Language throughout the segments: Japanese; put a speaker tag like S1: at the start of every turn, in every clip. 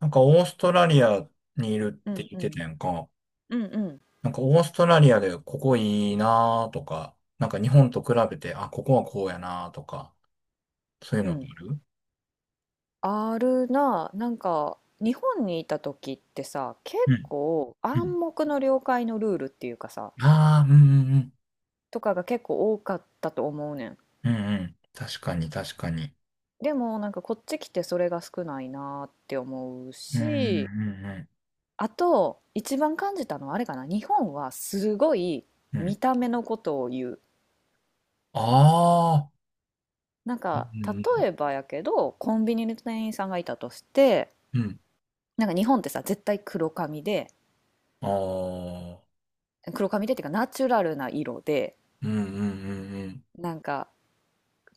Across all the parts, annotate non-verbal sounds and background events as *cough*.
S1: なんかオーストラリアにいる
S2: う
S1: って
S2: ん
S1: 言っ
S2: う
S1: て
S2: ん。
S1: たやんか。
S2: うんうん
S1: なんかオーストラリアでここいいなーとか、なんか日本と比べて、あ、ここはこうやなーとか、そういう
S2: う
S1: のって
S2: ん。
S1: ある？
S2: あるな。なんか、日本にいた時ってさ、結
S1: うん、
S2: 構
S1: うん。
S2: 暗黙の了解のルールっていうかさ、
S1: ああ、うんうんうん。
S2: とかが結構多かったと思うねん。
S1: うんうん。確かに確かに。
S2: でもなんかこっち来てそれが少ないなって思う
S1: うんうん
S2: し、
S1: う
S2: あと一番感じたのはあれかな。日本はすごい
S1: んうん。
S2: 見た目のことを言う。
S1: ああ、
S2: なん
S1: う
S2: か例
S1: ん
S2: えばやけどコンビニの店員さんがいたとして、
S1: うんうん。
S2: なんか日本ってさ絶対黒髪で
S1: ああ、
S2: 黒髪でっていうかナチュラルな色で、
S1: うんうんうん
S2: なんか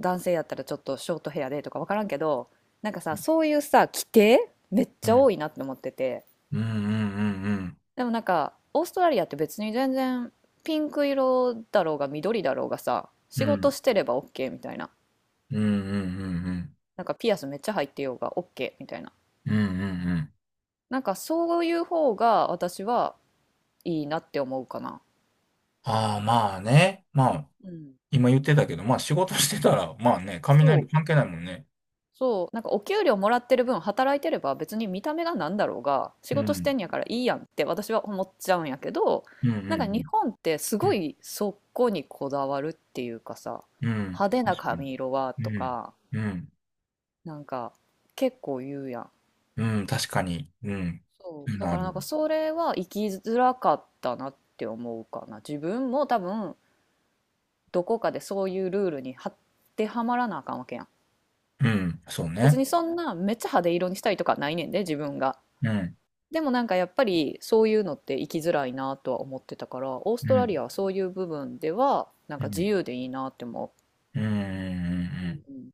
S2: 男性やったらちょっとショートヘアでとか分からんけど、なんか
S1: う
S2: さ
S1: ん。
S2: そういうさ規定めっ
S1: う
S2: ちゃ多
S1: ん
S2: いなって思ってて、
S1: うんうんうん。
S2: でもなんかオーストラリアって別に全然ピンク色だろうが緑だろうがさ
S1: う
S2: 仕事
S1: ん
S2: してれば OK みたいな、
S1: うんうんうんうん。
S2: なんかピアスめっちゃ入ってようが OK みたいな、
S1: うんうんうんうん。
S2: なんかそういう方が私はいいなって思うかな。
S1: ああ、まあね。まあ、
S2: うん、
S1: 今言ってたけど、まあ仕事してたら、まあね、
S2: そ
S1: 雷
S2: う
S1: 関係ないもんね。
S2: そう、なんかお給料もらってる分働いてれば別に見た目がなんだろうが仕
S1: う
S2: 事し
S1: ん。
S2: てんやからいいやんって私は思っちゃうんやけど、
S1: うんう
S2: なんか日
S1: ん
S2: 本ってすごいそこにこだわるっていうかさ、
S1: うん。うん。
S2: 派手
S1: うん、
S2: な
S1: 確かに。
S2: 髪色はと
S1: うん。
S2: か、
S1: うん。
S2: なんか結構言うやん。
S1: うん。確かに。うん。
S2: そう、だ
S1: な
S2: からな
S1: る。
S2: んかそれは生きづらかったなって思うかな。自分も多分どこかでそういうルールにはってはまらなあかんわけやん。
S1: うん。そう
S2: 別
S1: ね。
S2: にそんなめっちゃ派手色にしたいとかないねんで、自分が。
S1: うん。
S2: でもなんかやっぱりそういうのって生きづらいなとは思ってたから、オース
S1: う
S2: トラリ
S1: ん。
S2: アはそういう部分ではなん
S1: う
S2: か自
S1: ん。
S2: 由でいいなって思
S1: うん。う
S2: う、
S1: ん。
S2: うん、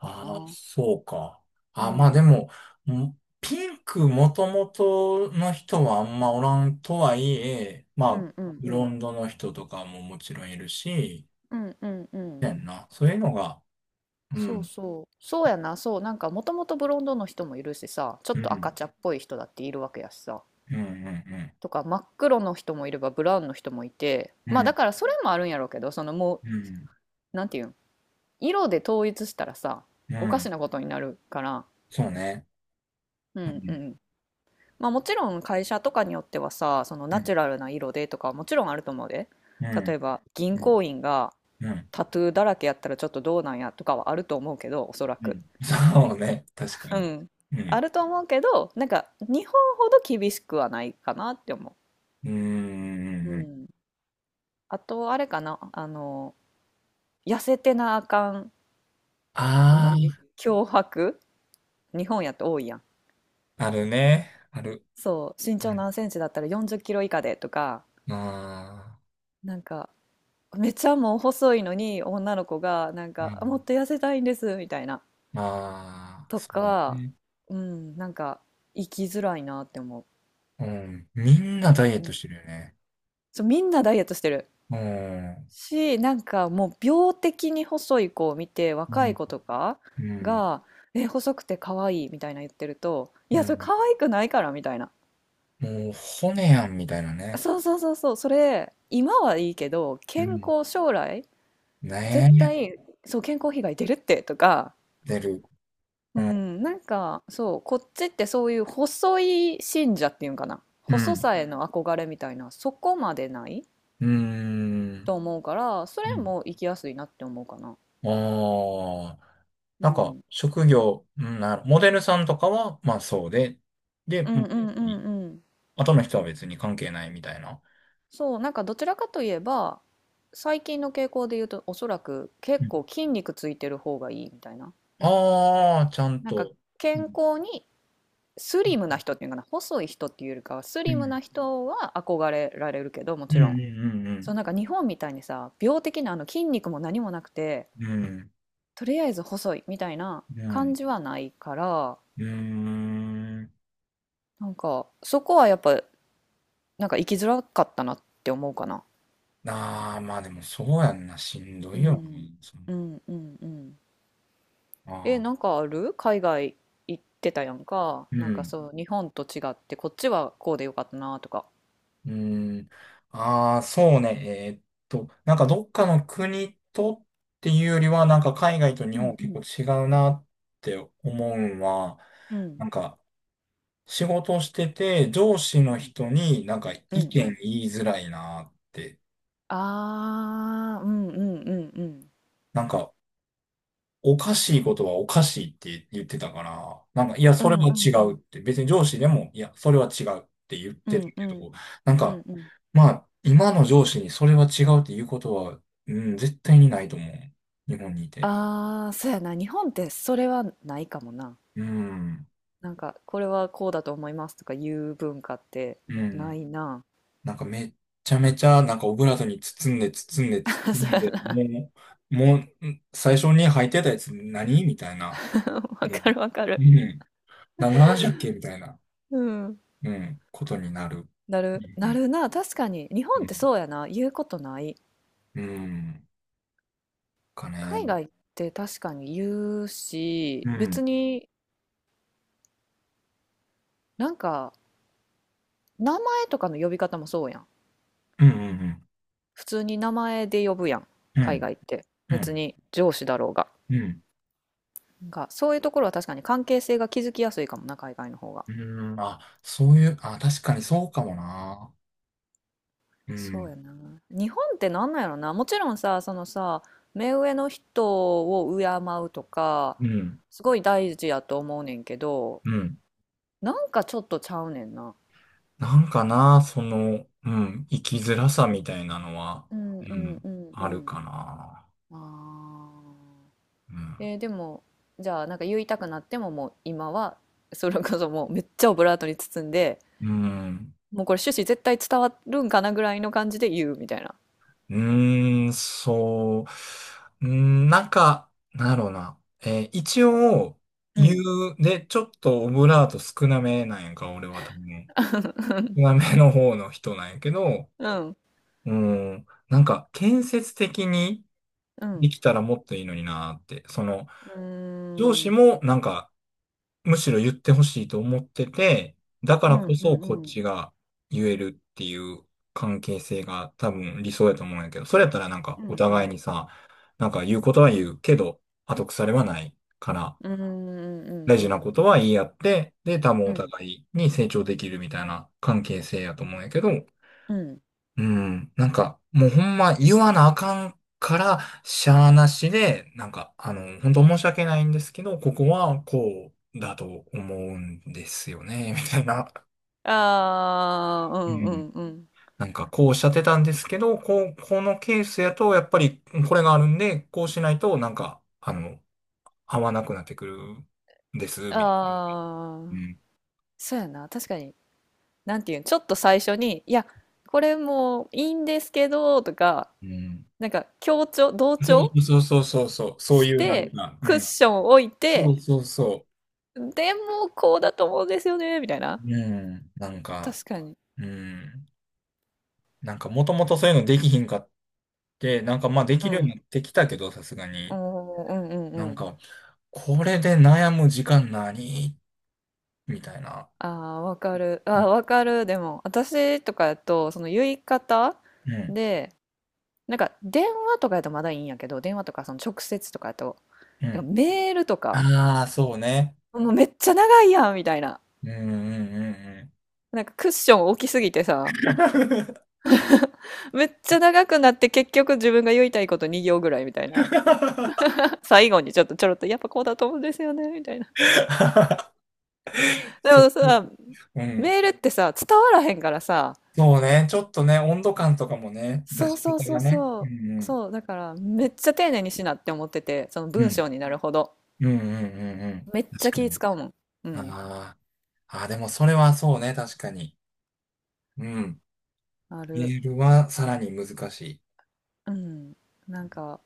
S2: か
S1: あ、
S2: な。
S1: そうか。
S2: う。う
S1: あ、まあ
S2: ん
S1: でも、ピンクもともとの人はあんまおらんとはいえ、ま
S2: う
S1: あ、
S2: んうん。
S1: ブ
S2: う
S1: ロ
S2: ん
S1: ンドの人とかももちろんいるし、
S2: うんうん。うん。
S1: やんな。そういうのが、う
S2: そう
S1: ん。
S2: そうそうやな。そう、なんかもともとブロンドの人もいるしさ、ちょっ
S1: う
S2: と赤
S1: ん。
S2: 茶っぽい人だっているわけやしさ、
S1: うん。
S2: とか真っ黒の人もいればブラウンの人もいて、
S1: うん。う
S2: まあだ
S1: ん。
S2: からそれもあるんやろうけど、そのも
S1: うん。
S2: うなんていうん、色で統一したらさ
S1: うん。う
S2: おかし
S1: ん、
S2: なことになるから。
S1: そうね。
S2: う
S1: う
S2: んう
S1: ん。
S2: ん。まあもちろん会社とかによってはさ、その
S1: う
S2: ナ
S1: ん。
S2: チュラルな色でとかはもちろんあると思うで。
S1: う
S2: 例え
S1: ん。
S2: ば銀
S1: うん。
S2: 行員が
S1: うん。
S2: タトゥーだらけやったらちょっとどうなんやとかはあると思うけど、おそら
S1: う
S2: く。
S1: ん、そうね。確か
S2: う
S1: に。
S2: ん。
S1: うん。
S2: あると思うけど、なんか日本ほど厳しくはないかなって思
S1: うん。
S2: う。う
S1: うん。
S2: ん。あとあれかな、痩せてなあかん、
S1: あ
S2: 何脅迫、日本やと多いやん。
S1: あー、あるね。ある。
S2: そう、身長何センチだったら40キロ以下でとか、
S1: まあ、
S2: なんかめっちゃもう細いのに女の子がなん
S1: う
S2: か、あ、も
S1: ん。
S2: っと痩せたいんですみたいな、
S1: まあ、
S2: と
S1: そう
S2: か、
S1: ね。
S2: うん、なんか生きづらいなって思
S1: うん。みんな
S2: う、
S1: ダイエッ
S2: うんう
S1: ト
S2: ん、
S1: してるよね。
S2: そうみんなダイエットしてる
S1: うん。
S2: し、なんかもう病的に細い子を見て
S1: う
S2: 若い
S1: ん。
S2: 子とか
S1: うん。
S2: が「え、細くて可愛い」みたいな言ってると、「い
S1: う
S2: やそれ
S1: ん。
S2: 可愛くないから」みたいな、
S1: もう、骨やんみたたいなね。
S2: そうそうそうそう、それ今はいいけど
S1: う
S2: 健
S1: ん。
S2: 康、将来
S1: ね
S2: 絶
S1: え。
S2: 対、そう健康被害出るってとか。
S1: 出る。
S2: う
S1: うん。
S2: ん、なんかそう、こっちってそういう細い信者っていうんかな、
S1: う
S2: 細
S1: ん。
S2: さへの憧れみたいな、そこまでない
S1: うん。
S2: と思うから、そ
S1: う
S2: れ
S1: ん。
S2: も生きやすいなって思うかな。
S1: ああ、
S2: う
S1: なんか、
S2: ん、
S1: 職業、うんなる、モデルさんとかは、まあそうで、で、
S2: う
S1: ま
S2: ん
S1: あ
S2: うんうん。んうん。
S1: 後の人は別に関係ないみたいな。
S2: そう、なんかどちらかといえば、最近の傾向で言うと、おそらく
S1: う
S2: 結
S1: ん、
S2: 構筋肉ついてる方がいいみたいな。
S1: ああ、ちゃん
S2: なんか
S1: と。う
S2: 健
S1: ん、
S2: 康にスリムな人っていうのかな、細い人っていうよりかは、ス
S1: う
S2: リムな
S1: ん、
S2: 人は憧れられるけど、も
S1: う
S2: ちろん。そ
S1: ん、
S2: うなんか日本みたいにさ、病的なあの筋肉も何もなくて
S1: うん、うん、うん、
S2: とりあえず細いみたいな
S1: う
S2: 感
S1: ん。
S2: じはないから、
S1: うん、
S2: なんかそこはやっぱなんか生きづらかったなって思うかな。
S1: ああー、まあでもそうやんな、しんど
S2: う
S1: いよな。
S2: ん、
S1: その、
S2: うんうんうん。
S1: あ
S2: なん
S1: あ、
S2: かある、海外行ってたやんか、
S1: う
S2: なんか
S1: ん。
S2: そう日本と違ってこっちはこうでよかったなとか。
S1: うーん。ああ、そうね。えーっなんかどっかの国とっていうよりは、なんか海外と日
S2: うん
S1: 本
S2: う
S1: 結構
S2: ん
S1: 違うなって思うんは、
S2: うん。
S1: なんか仕事してて上司の人になんか意
S2: うんう
S1: 見
S2: んうん。
S1: 言いづらいなって、
S2: ああー。うんうん。うん
S1: なんかおかしいことはおかしいって言ってたから、なんか、いや、
S2: う
S1: それ
S2: ん
S1: は
S2: うん
S1: 違
S2: う
S1: うっ
S2: ん
S1: て、別に上司でも、いや、それは違うって言っ
S2: う
S1: てた
S2: んうんう
S1: け
S2: ん
S1: ど、なん
S2: う
S1: か、
S2: ん。うん。
S1: まあ、今の上司にそれは違うっていうことは、うん、絶対にないと思う。日本にいて。
S2: ああ、そうやな。日本ってそれはないかもな。
S1: うん、
S2: なんか、これはこうだと思いますとか言う文化って
S1: う
S2: な
S1: ん。
S2: いな。
S1: なんかめっちゃめちゃ、なんかオブラートに包んで、包んで、
S2: *laughs*
S1: 包
S2: そう
S1: ん
S2: や
S1: で、
S2: な。
S1: もう、もう、最初に履いてたやつ何みたいな。
S2: *laughs* わ
S1: もう、
S2: かるわかる。
S1: うん。何の話だっけみたいな、
S2: うん。
S1: うん、ことになる。
S2: な
S1: う
S2: る、な
S1: ん
S2: るな。確かに。日本
S1: う
S2: っ
S1: ん。
S2: てそうやな。言うことない。
S1: うんか
S2: 海
S1: ね。
S2: 外って確かに言うし、
S1: う
S2: 別
S1: ん。
S2: になんか、名前とかの呼び方もそうやん。
S1: うん。うん
S2: 普通に名前で呼ぶやん。
S1: うん。う
S2: 海
S1: ん。
S2: 外って。
S1: う
S2: 別
S1: ん。
S2: に上司だろうが。
S1: うん。
S2: なんか、そういうところは確かに関係性が築きやすいかもな、海外の方が。
S1: うん。あ、そういう、あ、確かにそうかもな。う
S2: そう
S1: ん。
S2: やな。日本ってなんなんやろな。もちろんさ、そのさ、目上の人を敬うとか、
S1: うん。
S2: すごい大事やと思うねんけど、
S1: うん。
S2: なんかちょっとちゃうねんな。
S1: なんかな、その、うん。生きづらさみたいなのは、
S2: うん
S1: う
S2: うん
S1: ん。
S2: うんう
S1: あるか
S2: ん。
S1: な。
S2: ああ。
S1: うん。
S2: でも、じゃあなんか言いたくなってももう今は、それこそもうめっちゃオブラートに包んで、
S1: うん。
S2: もうこれ趣旨絶対伝わるんかなぐらいの感じで言うみたいな。
S1: うーん、そう。うん、なんか、なんだろうな。一応、
S2: う
S1: 言
S2: ん。
S1: う、で、ちょっとオブラート少なめなんやんか、俺は多分。南の方の人なんやけど、
S2: うん。
S1: うん、なんか建設的に
S2: う
S1: で
S2: ん。
S1: きたらもっといいのになーって、その
S2: うー
S1: 上司
S2: ん。
S1: もなんかむしろ言ってほしいと思ってて、だか
S2: う
S1: ら
S2: ん
S1: こ
S2: う
S1: そ
S2: ん
S1: こっ
S2: うん。
S1: ちが言えるっていう関係性が多分理想やと思うんやけど、それやったらなんか
S2: う
S1: お
S2: んう
S1: 互い
S2: ん
S1: にさ、なんか言うことは言うけど、後腐れはないから、
S2: うんうんうん
S1: 大
S2: う
S1: 事な
S2: ん
S1: ことは言い合って、で、多分
S2: う
S1: お
S2: ん
S1: 互いに成長できるみたいな関係性やと思うんやけど、
S2: うん。
S1: うん。なんか、もうほんま言わなあかんから、しゃあなしで、なんか、あの、本当申し訳ないんですけど、ここはこうだと思うんですよね、みたいな。
S2: ああ、う
S1: う
S2: んう
S1: ん。
S2: んうん。
S1: なんか、こうおっしゃってたんですけど、こう、このケースやと、やっぱりこれがあるんで、こうしないと、なんか、あの、合わなくなってくるんです、みたい
S2: あ
S1: な。う
S2: あ、
S1: ん。
S2: そうやな、確かに。なんていうん、ちょっと最初に「いや、これもういいんですけど」とか、
S1: うん。
S2: なんか強調同
S1: そ
S2: 調
S1: うそうそうそうそう、そう
S2: し
S1: いうなん
S2: て
S1: か、う
S2: クッ
S1: ん。
S2: ション置い
S1: そ
S2: て
S1: うそうそ
S2: 「でもこうだと思うんですよね」みたいな、
S1: う。うん。なんか、
S2: 確かに。
S1: うん。なんかもともとそういうのできひんかって、なんかまあで
S2: う
S1: きるように
S2: ん。
S1: なってきたけど、さすがに。
S2: おー、うんうん
S1: な
S2: う
S1: ん
S2: ん。
S1: か、これで悩む時間何みたいな。
S2: ああわかる、あ
S1: う
S2: あ
S1: ん。
S2: わかる。でも私とかやとその言い方
S1: うん。
S2: で、なんか電話とかやとまだいいんやけど、電話とかその直接とかやと、
S1: う
S2: なん
S1: ん。
S2: かメールとか、
S1: ああ、そうね。
S2: もうめっちゃ長いやんみたいな。
S1: うんうんうんうん。
S2: なんかクッション大きすぎてさ、めっちゃ長くなって結局自分が言いたいこと2行ぐらいみたいな。最後にちょっとちょろっとやっぱこうだと思うんですよねみたいな。
S1: *laughs*
S2: で
S1: そ
S2: も
S1: う。
S2: さ、
S1: うん。
S2: メールってさ、伝わらへんからさ、
S1: そうね。ちょっとね、温度感とかもね、出
S2: そう
S1: し
S2: そう
S1: 方
S2: そ
S1: が
S2: う
S1: ね。
S2: そ
S1: う
S2: う、
S1: ん、
S2: そう、だからめっちゃ丁寧にしなって思ってて、その
S1: う
S2: 文
S1: ん。
S2: 章になるほど。
S1: うん。うんうんうんうん。
S2: めっちゃ
S1: 確か
S2: 気
S1: に。
S2: 使うもん。うん、
S1: ああ。ああ、でもそれはそうね、確かに。うん。
S2: あ
S1: メ
S2: る。
S1: ールはさらに難しい。
S2: うん。なんか、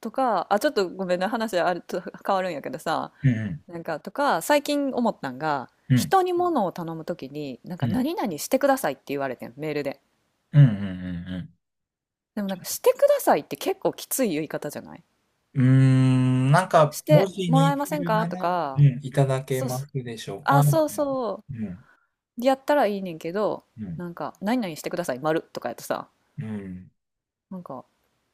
S2: とか、あ、ちょっとごめんね、話あると変わるんやけどさ、
S1: うん、
S2: なんかとか、最近思ったんが、
S1: うん、
S2: 人に物を頼むときに、なん
S1: う
S2: か
S1: ん、
S2: 何々してくださいって言われてん、メールで。
S1: うん、うん、うん。
S2: でもなんかしてくださいって結構きつい言い方じゃない、
S1: うん、うーん、なんか、
S2: し
S1: 文
S2: て
S1: 字
S2: もら
S1: に
S2: えま
S1: す
S2: せん
S1: る
S2: か
S1: な
S2: と
S1: ら、う
S2: か、
S1: ん、いただけ
S2: そう
S1: ま
S2: そう、
S1: すでしょう
S2: あ、
S1: かみ
S2: そう
S1: たいな。
S2: そ
S1: うん、
S2: う、やったらいいねんけど、
S1: うん、
S2: なんか何々してください、丸とかやとさ、
S1: うん。
S2: なんか、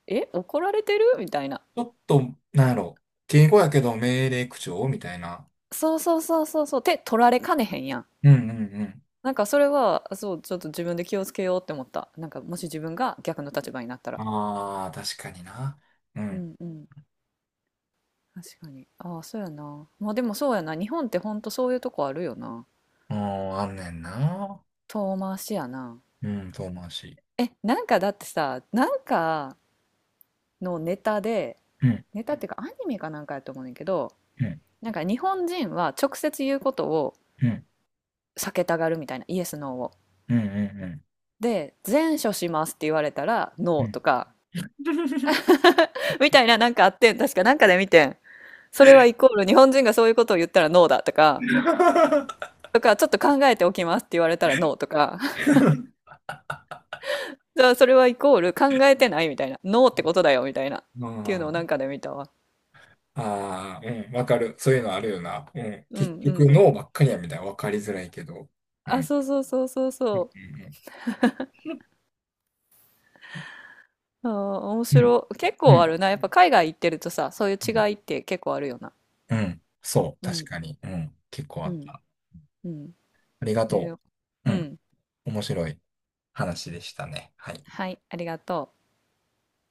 S2: え、怒られてるみたいな。
S1: ちょっと、なんやろ、敬語やけど命令口調みたいな。
S2: そうそうそうそうそう、手取られかねへんやん。
S1: うん、うん、うん。
S2: なんかそれは、そう、ちょっと自分で気をつけようって思った。なんかもし自分が逆の立場になったら。
S1: ああ、確かにな。う
S2: う
S1: ん。
S2: んうん。確かに。ああ、そうやな。まあでもそうやな。日本ってほんとそういうとこあるよな。
S1: ああ、あんねんな。
S2: 遠回しやな。
S1: うん、遠回し。
S2: え、なんかだってさ、なんかのネタで、
S1: うん、
S2: ネタっていうかアニメかなんかやと思うねんけど、
S1: うん、
S2: なんか日本人は直接言うことを
S1: うん、
S2: 避けたがるみたいな、イエス、ノーを。
S1: うん、うん、う
S2: で、前処しますって言われたら、
S1: ん。う
S2: ノー
S1: ん。
S2: とか、*laughs* みたいな、なんかあってん、確かなんかで見てん。それはイコール日本人がそういうことを言ったらノーだとか、とか、ちょっと考えておきますって言われたらノーとか、*laughs* じゃあそれはイコール考えてないみたいな、ノーってことだよみたいな、っ
S1: *laughs* う
S2: ていうのをな
S1: ん。
S2: んかで見たわ。
S1: ああ、うん、わかる。そういうのあるよな。うん。
S2: う
S1: 結
S2: んう
S1: 局、
S2: ん。
S1: 脳ばっかりやみたいな。わかりづらいけど。う
S2: あ、
S1: ん。
S2: そうそうそうそうそ
S1: うん。
S2: う。あー、面
S1: うん。うん。
S2: 白い。結
S1: うん、
S2: 構あ
S1: う
S2: るな。やっぱ海外行ってるとさ、そういう違
S1: ん、
S2: いって結構あるよな。
S1: うん、そう、
S2: う
S1: 確
S2: ん、
S1: かに。うん。結構あ
S2: う
S1: っ
S2: ん、
S1: た。
S2: うん。
S1: ありがと
S2: で、
S1: う。
S2: う
S1: うん。
S2: ん。
S1: 面白い話でしたね。はい。
S2: はい、ありがとう。